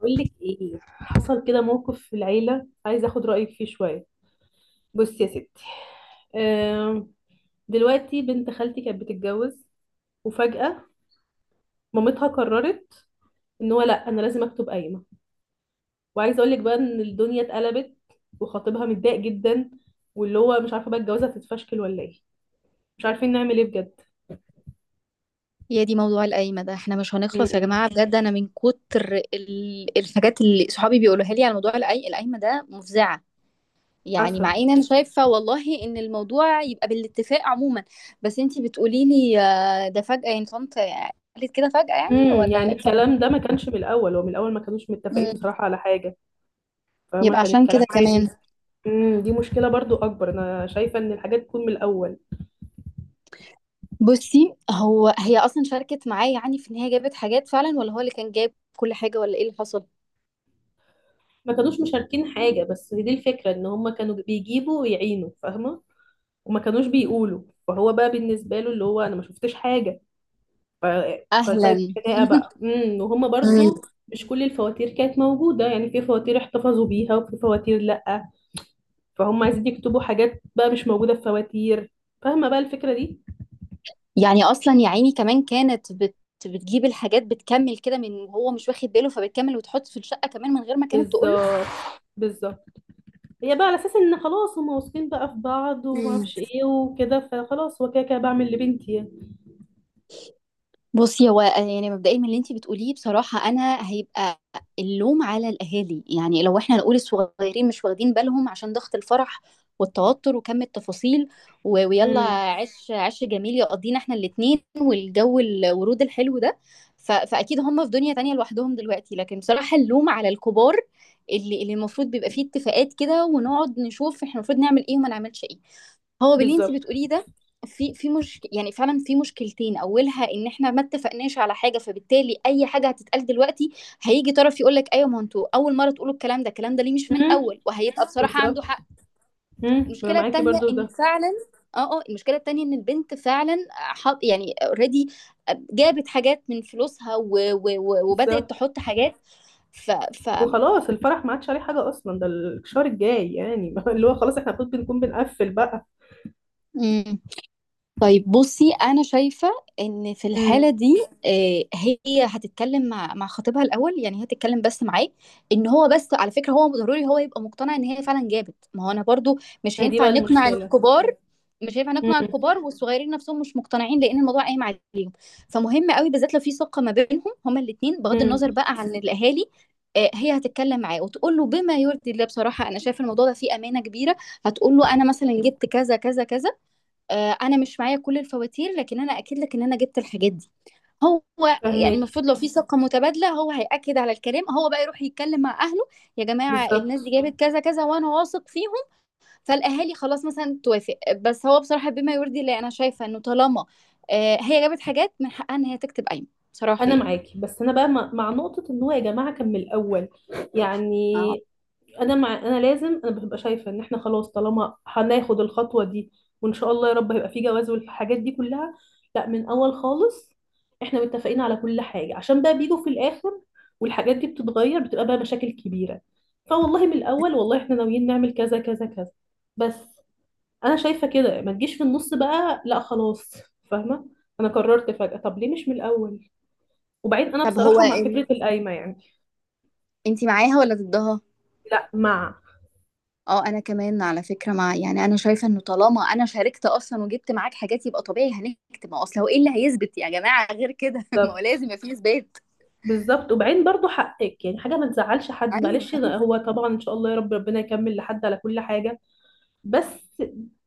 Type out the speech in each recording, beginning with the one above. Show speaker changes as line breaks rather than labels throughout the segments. بقول لك ايه. حصل كده موقف في العيله، عايزه اخد رايك فيه شويه. بصي يا ستي. آم، دلوقتي بنت خالتي كانت بتتجوز، وفجاه مامتها قررت ان هو لا، انا لازم اكتب قايمه. وعايزه اقول لك بقى ان الدنيا اتقلبت، وخطيبها متضايق جدا، واللي هو مش عارفه بقى الجوازه هتتفشكل ولا ايه. مش عارفين نعمل ايه بجد.
يا دي موضوع القايمة ده احنا مش هنخلص يا
امم.
جماعة بجد. انا من كتر الحاجات اللي صحابي بيقولوها لي على موضوع القايمة ده مفزعة. يعني مع
حصل.
ان انا شايفة والله ان الموضوع يبقى بالاتفاق عموما، بس انتي بتقولي لي ده فجأة، يعني طنط قالت كده فجأة يعني
امم، يعني
ولا
الكلام ده ما كانش من الاول، ومن الاول ما كانوش متفقين
مم.
بصراحه على حاجه، فما
يبقى
كان
عشان
الكلام
كده كمان.
عادي. امم، دي مشكلة برضو أكبر، أنا شايفة إن الحاجات تكون من الأول.
بصي، هو هي اصلا شاركت معايا، يعني في ان هي جابت حاجات فعلا ولا هو اللي كان جاب كل حاجة ولا ايه اللي حصل؟
ما كانوش مشاركين حاجة، بس دي الفكرة، إن هما كانوا بيجيبوا ويعينوا فاهمة، وما كانوش بيقولوا. فهو بقى بالنسبة له اللي هو أنا ما شفتش حاجة ف... فبقت
اهلا
خناقة بقى وهما برضو مش كل الفواتير كانت موجودة، يعني في فواتير احتفظوا بيها وفي فواتير لأ، فهم عايزين يكتبوا حاجات بقى مش موجودة في فواتير، فاهمة بقى الفكرة دي.
يعني اصلا يا عيني كمان كانت بتجيب الحاجات، بتكمل كده من هو مش واخد باله، فبتكمل وتحط في الشقة كمان من غير ما كانت تقول
بالظبط. بالظبط. هي بقى على اساس ان خلاص هما واثقين بقى في بعض وما اعرفش
له.
ايه وكده، فخلاص هو كده كده بعمل لبنتي يعني.
بصي، هو يعني مبدئيا من اللي انت بتقوليه بصراحة، انا هيبقى اللوم على الاهالي. يعني لو احنا نقول الصغيرين مش واخدين بالهم عشان ضغط الفرح والتوتر وكم التفاصيل ويلا
امم.
عش عش جميل يقضينا احنا الاتنين، والجو الورود الحلو ده، فاكيد هم في دنيا تانية لوحدهم دلوقتي. لكن بصراحة اللوم على الكبار، اللي المفروض بيبقى فيه اتفاقات كده، ونقعد نشوف احنا المفروض نعمل ايه وما نعملش ايه. هو باللي انت
بالظبط.
بتقوليه ده في في مش، يعني فعلا في مشكلتين. اولها ان احنا ما اتفقناش على حاجه، فبالتالي اي حاجه هتتقال دلوقتي هيجي طرف يقول لك ايوه، ما انتوا اول مره تقولوا الكلام ده، الكلام ده ليه مش من
امم.
الاول؟ وهيبقى بصراحه عنده
بالظبط.
حق.
امم، انا
المشكله
معاكي
التانيه
برضو في
ان
ده.
فعلا اه المشكله التانيه ان البنت فعلا حط، يعني اوريدي جابت حاجات من فلوسها، و و و وبدات
بالظبط.
تحط حاجات ف ف
وخلاص الفرح ما عادش عليه حاجه اصلا، ده الشهر الجاي يعني اللي هو خلاص احنا المفروض بنكون بنقفل بقى.
طيب. بصي انا شايفه ان في
امم.
الحاله دي هي هتتكلم مع خطيبها الاول، يعني هي هتتكلم بس معاه، ان هو بس على فكره هو ضروري هو يبقى مقتنع ان هي فعلا جابت. ما هو انا برضو مش
ما هي دي بقى
هينفع نقنع
المشكله.
الكبار، مش هينفع نقنع
امم.
الكبار والصغيرين نفسهم مش مقتنعين، لان الموضوع قايم عليهم. فمهم قوي بالذات لو في ثقه ما بينهم هما الاثنين بغض
امم.
النظر بقى عن الاهالي. هي هتتكلم معاه وتقول له بما يرضي الله. بصراحه انا شايفه الموضوع ده فيه امانه كبيره. هتقول له انا مثلا جبت كذا كذا كذا، انا مش معايا كل الفواتير لكن انا اكد لك ان انا جبت الحاجات دي. هو يعني
فهماكي.
المفروض لو في ثقة متبادلة هو هيأكد على الكلام، هو بقى يروح يتكلم مع أهله. يا جماعة الناس دي
بالظبط.
جابت كذا كذا وأنا واثق فيهم. فالأهالي خلاص مثلا توافق. بس هو بصراحة بما يرضي الله أنا شايفة إنه طالما هي جابت حاجات من حقها إن هي تكتب قايمة، بصراحة
انا
يعني.
معاكي، بس انا بقى مع نقطه ان هو يا جماعه كان من الاول،
اه.
يعني انا مع انا لازم انا ببقى شايفه ان احنا خلاص، طالما هناخد الخطوه دي وان شاء الله يا رب هيبقى في جواز والحاجات دي كلها، لا، من اول خالص احنا متفقين على كل حاجه، عشان بقى بيجوا في الاخر والحاجات دي بتتغير، بتبقى بقى مشاكل كبيره. فوالله من الاول، والله احنا ناويين نعمل كذا كذا كذا، بس. انا شايفه كده ما تجيش في النص بقى، لا خلاص، فاهمه؟ انا قررت فجاه، طب ليه مش من الاول؟ وبعدين انا
طب هو
بصراحه مع فكره القايمه يعني.
انتي معاها ولا ضدها؟
لا، مع.
اه انا كمان على فكره مع، يعني انا شايفه انه طالما انا شاركت اصلا وجبت معاك حاجات يبقى طبيعي هنكتب. ما هو اصل هو ايه اللي هيثبت يا جماعه غير كده؟ ما هو
بالظبط.
لازم يبقى فيه اثبات.
بالظبط. وبعدين برضو حقك، يعني حاجه ما تزعلش حد،
ايوه
معلش، ده هو طبعا ان شاء الله يا رب ربنا يكمل لحد على كل حاجه، بس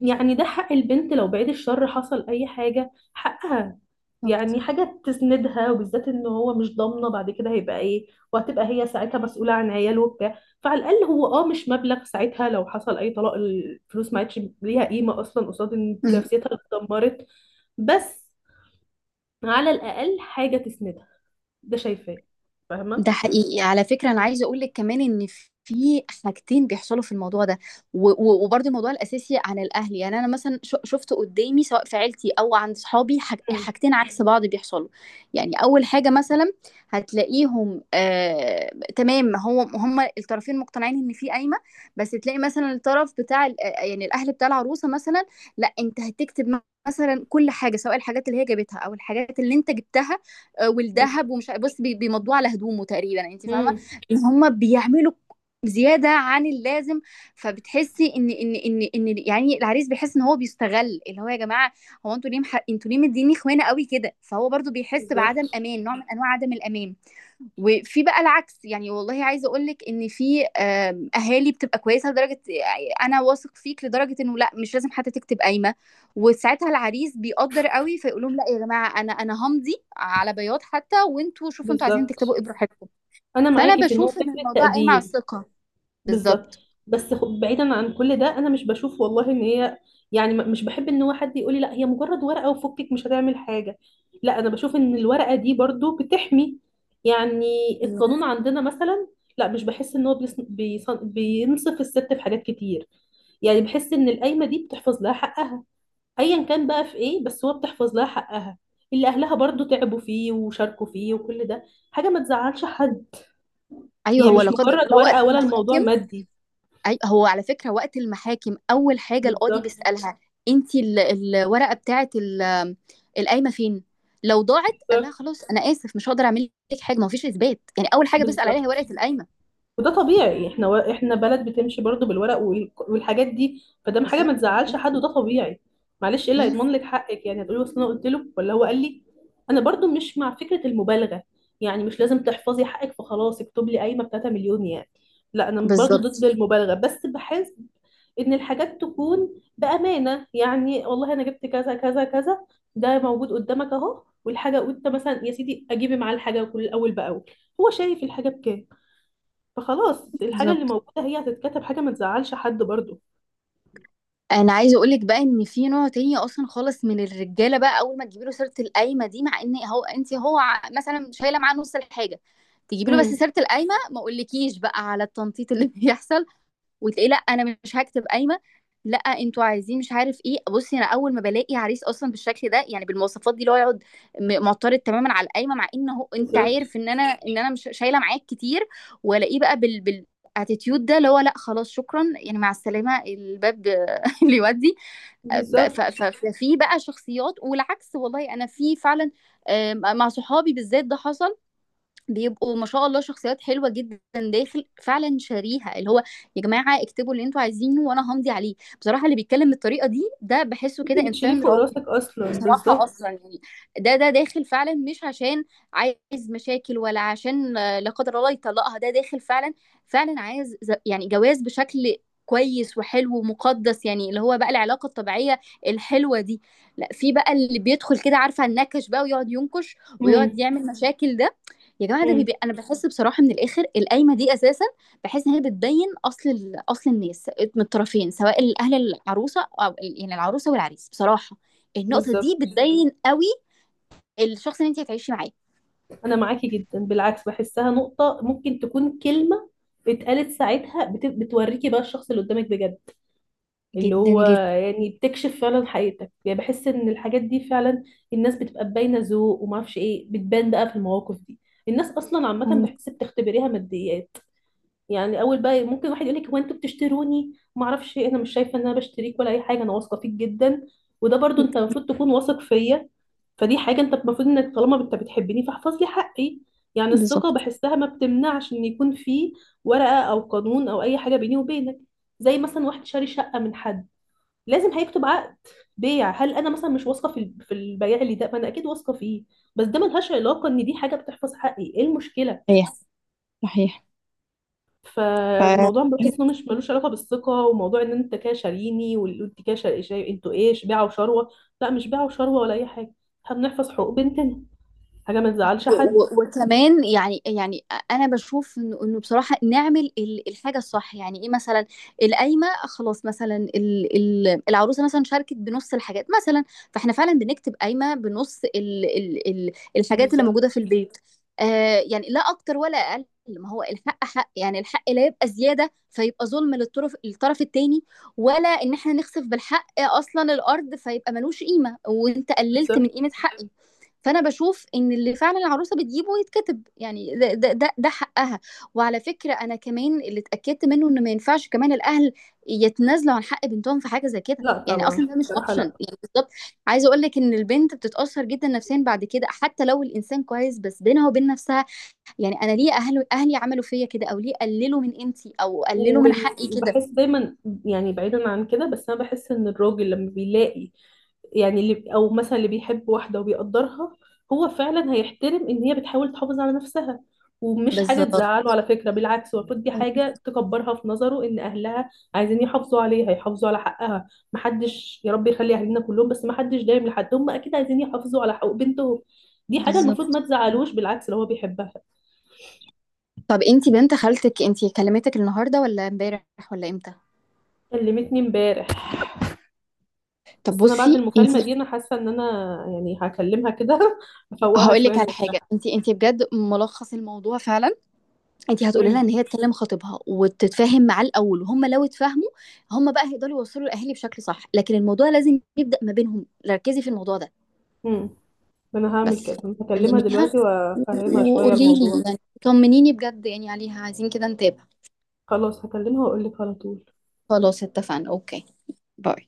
يعني ده حق البنت. لو بعيد الشر حصل اي حاجه، حقها،
بالظبط.
يعني حاجه تسندها، وبالذات ان هو مش ضامنه بعد كده هيبقى ايه، وهتبقى هي ساعتها مسؤوله عن عياله وبتاع، فعلى الاقل هو اه مش مبلغ ساعتها لو حصل اي طلاق، الفلوس ما عادش ليها قيمه اصلا قصاد ان نفسيتها اللي اتدمرت، بس على الاقل حاجه تسندها، ده شايفاه.
ده
فاهمه.
حقيقي على فكرة. أنا عايزة أقول لك كمان إن في حاجتين بيحصلوا في الموضوع ده، وبرضه الموضوع الأساسي عن الأهل. يعني أنا مثلا شفت قدامي سواء في عيلتي أو عند صحابي حاجتين عكس بعض بيحصلوا. يعني أول حاجة مثلا هتلاقيهم، آه، تمام هو هما الطرفين مقتنعين إن في قايمة، بس تلاقي مثلا الطرف بتاع يعني الأهل بتاع العروسة مثلا، لا أنت هتكتب مثلا كل حاجة سواء الحاجات اللي هي جابتها أو الحاجات اللي أنت جبتها والذهب ومش بص بيمضوه على هدومه تقريبا، يعني انت فاهمه
امم.
ان هم بيعملوا زياده عن اللازم. فبتحسي ان يعني العريس بيحس ان هو بيستغل، اللي هو يا جماعه هو انتوا ليه انتوا ليه مديني خوانه قوي كده؟ فهو برضو بيحس بعدم
بالظبط.
امان، نوع من انواع عدم الامان. وفي بقى العكس، يعني والله عايزه اقول لك ان في اهالي بتبقى كويسه لدرجه، يعني انا واثق فيك لدرجه انه لا مش لازم حتى تكتب قايمه. وساعتها العريس بيقدر قوي فيقول لهم لا يا جماعه، انا انا همضي على بياض حتى، وانتوا شوفوا انتوا عايزين تكتبوا
بالظبط.
ايه براحتكم.
انا
فانا
معاكي في ان هو
بشوف ان
فكره
الموضوع قايم على
تقدير.
الثقه.
بالظبط.
بالظبط.
بس بعيدا عن كل ده، انا مش بشوف والله ان هي، يعني مش بحب ان هو حد يقول لي لا، هي مجرد ورقه وفكك مش هتعمل حاجه. لا، انا بشوف ان الورقه دي برضو بتحمي، يعني
مم.
القانون عندنا مثلا لا، مش بحس ان هو بينصف الست في حاجات كتير. يعني بحس ان القايمه دي بتحفظ لها حقها، ايا كان بقى في ايه، بس هو بتحفظ لها حقها، اللي اهلها برضو تعبوا فيه وشاركوا فيه وكل ده. حاجه ما تزعلش حد،
ايوه
هي
هو لا
مش
قدر
مجرد
الله وقت
ورقه ولا الموضوع
المحاكم،
مادي.
أي، هو على فكرة وقت المحاكم أول حاجة القاضي
بالظبط.
بيسألها أنت الورقة بتاعة القايمة فين؟ لو ضاعت قال لها
بالظبط.
خلاص أنا آسف مش هقدر أعمل لك حاجة، ما فيش إثبات. يعني أول حاجة بيسأل عليها هي
بالظبط.
ورقة القايمة.
وده طبيعي، احنا بلد بتمشي برضو بالورق وال... والحاجات دي، فده حاجه ما
بالظبط.
تزعلش حد وده طبيعي. معلش، ايه اللي
مم.
هيضمن لك حقك؟ يعني هتقولي اصل انا قلت له ولا هو قال لي. انا برضو مش مع فكره المبالغه، يعني مش لازم تحفظي حقك فخلاص اكتب لي قايمه ب 3 مليون يعني، لا، انا برضو ضد
بالظبط
المبالغه، بس بحس ان الحاجات تكون بامانه، يعني والله انا جبت كذا كذا كذا، ده موجود قدامك اهو، والحاجه انت مثلا يا سيدي اجيبي معاه الحاجه كل اول باول، هو شايف الحاجه بكام، فخلاص الحاجة اللي
بالظبط.
موجودة هي هتتكتب، حاجة ما تزعلش حد برضو.
أنا عايزة أقول لك بقى إن في نوع تاني أصلا خالص من الرجالة بقى، أول ما تجيبي له سيرة القايمة دي مع إن هو أنت هو مثلا شايلة معاه نص الحاجة، تجيبي له بس
امم.
سيرة القايمة ما أقولكيش بقى على التنطيط اللي بيحصل. وتلاقيه لا انا مش هكتب قايمه، لا انتوا عايزين مش عارف ايه. بصي، انا اول ما بلاقي عريس اصلا بالشكل ده، يعني بالمواصفات دي اللي هو يقعد معترض تماما على القايمه مع ان هو انت
بالظبط.
عارف ان انا مش شايله معاك كتير، والاقيه بقى بال بال اتيتيود ده اللي هو لا خلاص شكرا، يعني مع السلامه الباب اللي يودي.
بالظبط.
ففي بقى شخصيات، والعكس والله انا في فعلا مع صحابي بالذات ده حصل، بيبقوا ما شاء الله شخصيات حلوه جدا داخل فعلا شاريها، اللي هو يا جماعه اكتبوا اللي انتوا عايزينه وانا همضي عليه. بصراحه اللي بيتكلم بالطريقه دي ده بحسه كده
انت بتشيليه
انسان
فوق
راقي
راسك اصلا،
بصراحه اصلا
بالظبط.
يعني. ده ده داخل فعلا مش عشان عايز مشاكل، ولا عشان لا قدر الله يطلقها، ده داخل فعلا فعلا عايز يعني جواز بشكل كويس وحلو ومقدس، يعني اللي هو بقى العلاقه الطبيعيه الحلوه دي. لا في بقى اللي بيدخل كده عارفه النكش بقى، ويقعد ينكش ويقعد
امم.
يعمل مشاكل ده. يا جماعه ده
امم.
انا بحس بصراحه من الاخر القايمه دي اساسا بحس ان هي بتبين اصل اصل الناس من الطرفين، سواء الاهل العروسه او يعني العروسه والعريس. بصراحه النقطه دي
بالظبط.
بتبين قوي الشخص اللي انت هتعيشي معاه.
انا معاكي جدا، بالعكس، بحسها نقطة ممكن تكون كلمة اتقالت ساعتها بتوريكي بقى الشخص اللي قدامك بجد، اللي
جدا
هو
جدا.
يعني بتكشف فعلا حقيقتك. يعني بحس ان الحاجات دي فعلا، الناس بتبقى باينة ذوق وما اعرفش ايه، بتبان بقى في المواقف دي. الناس اصلا عامة بحس بتختبريها ماديا، يعني اول بقى ممكن واحد يقول لك هو انتوا بتشتروني ما اعرفش إيه، انا مش شايفه ان انا بشتريك ولا اي حاجه، انا واثقه فيك جدا، وده برضو انت المفروض تكون واثق فيا، فدي حاجه انت المفروض انك طالما انت بتحبني فاحفظ لي حقي. يعني الثقه
بالظبط.
بحسها ما بتمنعش ان يكون في ورقه او قانون او اي حاجه بيني وبينك، زي مثلا واحد شاري شقه من حد لازم هيكتب عقد بيع. هل انا مثلا مش واثقه في في البياع اللي ده؟ ما انا اكيد واثقه فيه، بس ده ملهاش علاقه، ان دي حاجه بتحفظ حقي، ايه المشكله؟
صحيح صحيح.
فالموضوع
ف
بحس انه مش ملوش علاقه بالثقه، وموضوع ان انت كده شاريني وانت كده انتوا ايه، بيعه وشروه؟ لا، مش بيعه وشروه ولا اي حاجه، احنا بنحفظ حقوق بنتنا، حاجه ما تزعلش حد.
وكمان، انا بشوف انه إنه بصراحه نعمل الحاجه الصح. يعني ايه مثلا؟ القايمه خلاص مثلا العروسه مثلا شاركت بنص الحاجات مثلا، فاحنا فعلا بنكتب قايمه بنص ال ال ال الحاجات اللي موجوده في
بالظبط.
البيت. آه، يعني لا اكتر ولا اقل، ما هو الحق حق. يعني الحق لا يبقى زياده فيبقى ظلم الطرف التاني، ولا ان احنا نخسف بالحق اصلا الارض فيبقى ملوش قيمه، وانت قللت من
بالظبط.
قيمه حقي. فانا بشوف ان اللي فعلا العروسه بتجيبه يتكتب، يعني ده حقها. وعلى فكره انا كمان اللي اتاكدت منه ان ما ينفعش كمان الاهل يتنازلوا عن حق بنتهم في حاجه زي كده،
لا
يعني
طبعا،
اصلا ده مش
بصراحه
اوبشن
لا.
يعني، بالظبط. عايزه اقول لك ان البنت بتتاثر جدا نفسيا بعد كده حتى لو الانسان كويس، بس بينها وبين نفسها يعني انا ليه اهلي عملوا فيا كده، او ليه قللوا من قيمتي او قللوا من حقي كده؟
وبحس دايما، يعني بعيدا عن كده، بس انا بحس ان الراجل لما بيلاقي، يعني اللي او مثلا اللي بيحب واحده وبيقدرها، هو فعلا هيحترم ان هي بتحاول تحافظ على نفسها، ومش حاجه
بالظبط
تزعله على فكره، بالعكس المفروض دي حاجه تكبرها في نظره، ان اهلها عايزين يحافظوا عليها، يحافظوا على حقها، محدش يا رب يخلي اهالينا كلهم، بس محدش دايم لحد، هم اكيد عايزين يحافظوا على حقوق بنتهم. دي حاجه المفروض
بالظبط.
ما تزعلوش، بالعكس لو هو بيحبها.
طب انتي بنت خالتك انتي كلمتك النهارده ولا امبارح ولا امتى؟
كلمتني امبارح.
طب
بس انا بعد
بصي انت،
المكالمه دي انا حاسه ان انا يعني هكلمها كده افوقها
هاقول
شويه
لِك على حاجة،
لنفسها.
أنتِ أنتِ بجد ملخّص الموضوع فعلًا. أنتِ هتقولي لها إن
امم.
هي تكلّم خطيبها وتتفاهم معاه الأول، وهُم لو اتفاهموا، هُم بقى هيقدروا يوصّلوا الأهالي بشكل صح، لكن الموضوع لازم يبدأ ما بينهم، ركّزي في الموضوع ده.
امم. انا هعمل
بس
كده، هكلمها
كلّميها
دلوقتي وافهمها شويه
وقولي لي،
الموضوع.
يعني طمّنيني بجد يعني عليها، عايزين كده نتابع.
خلاص، هكلمها واقول لك على طول.
خلاص اتفقنا، أوكي، باي.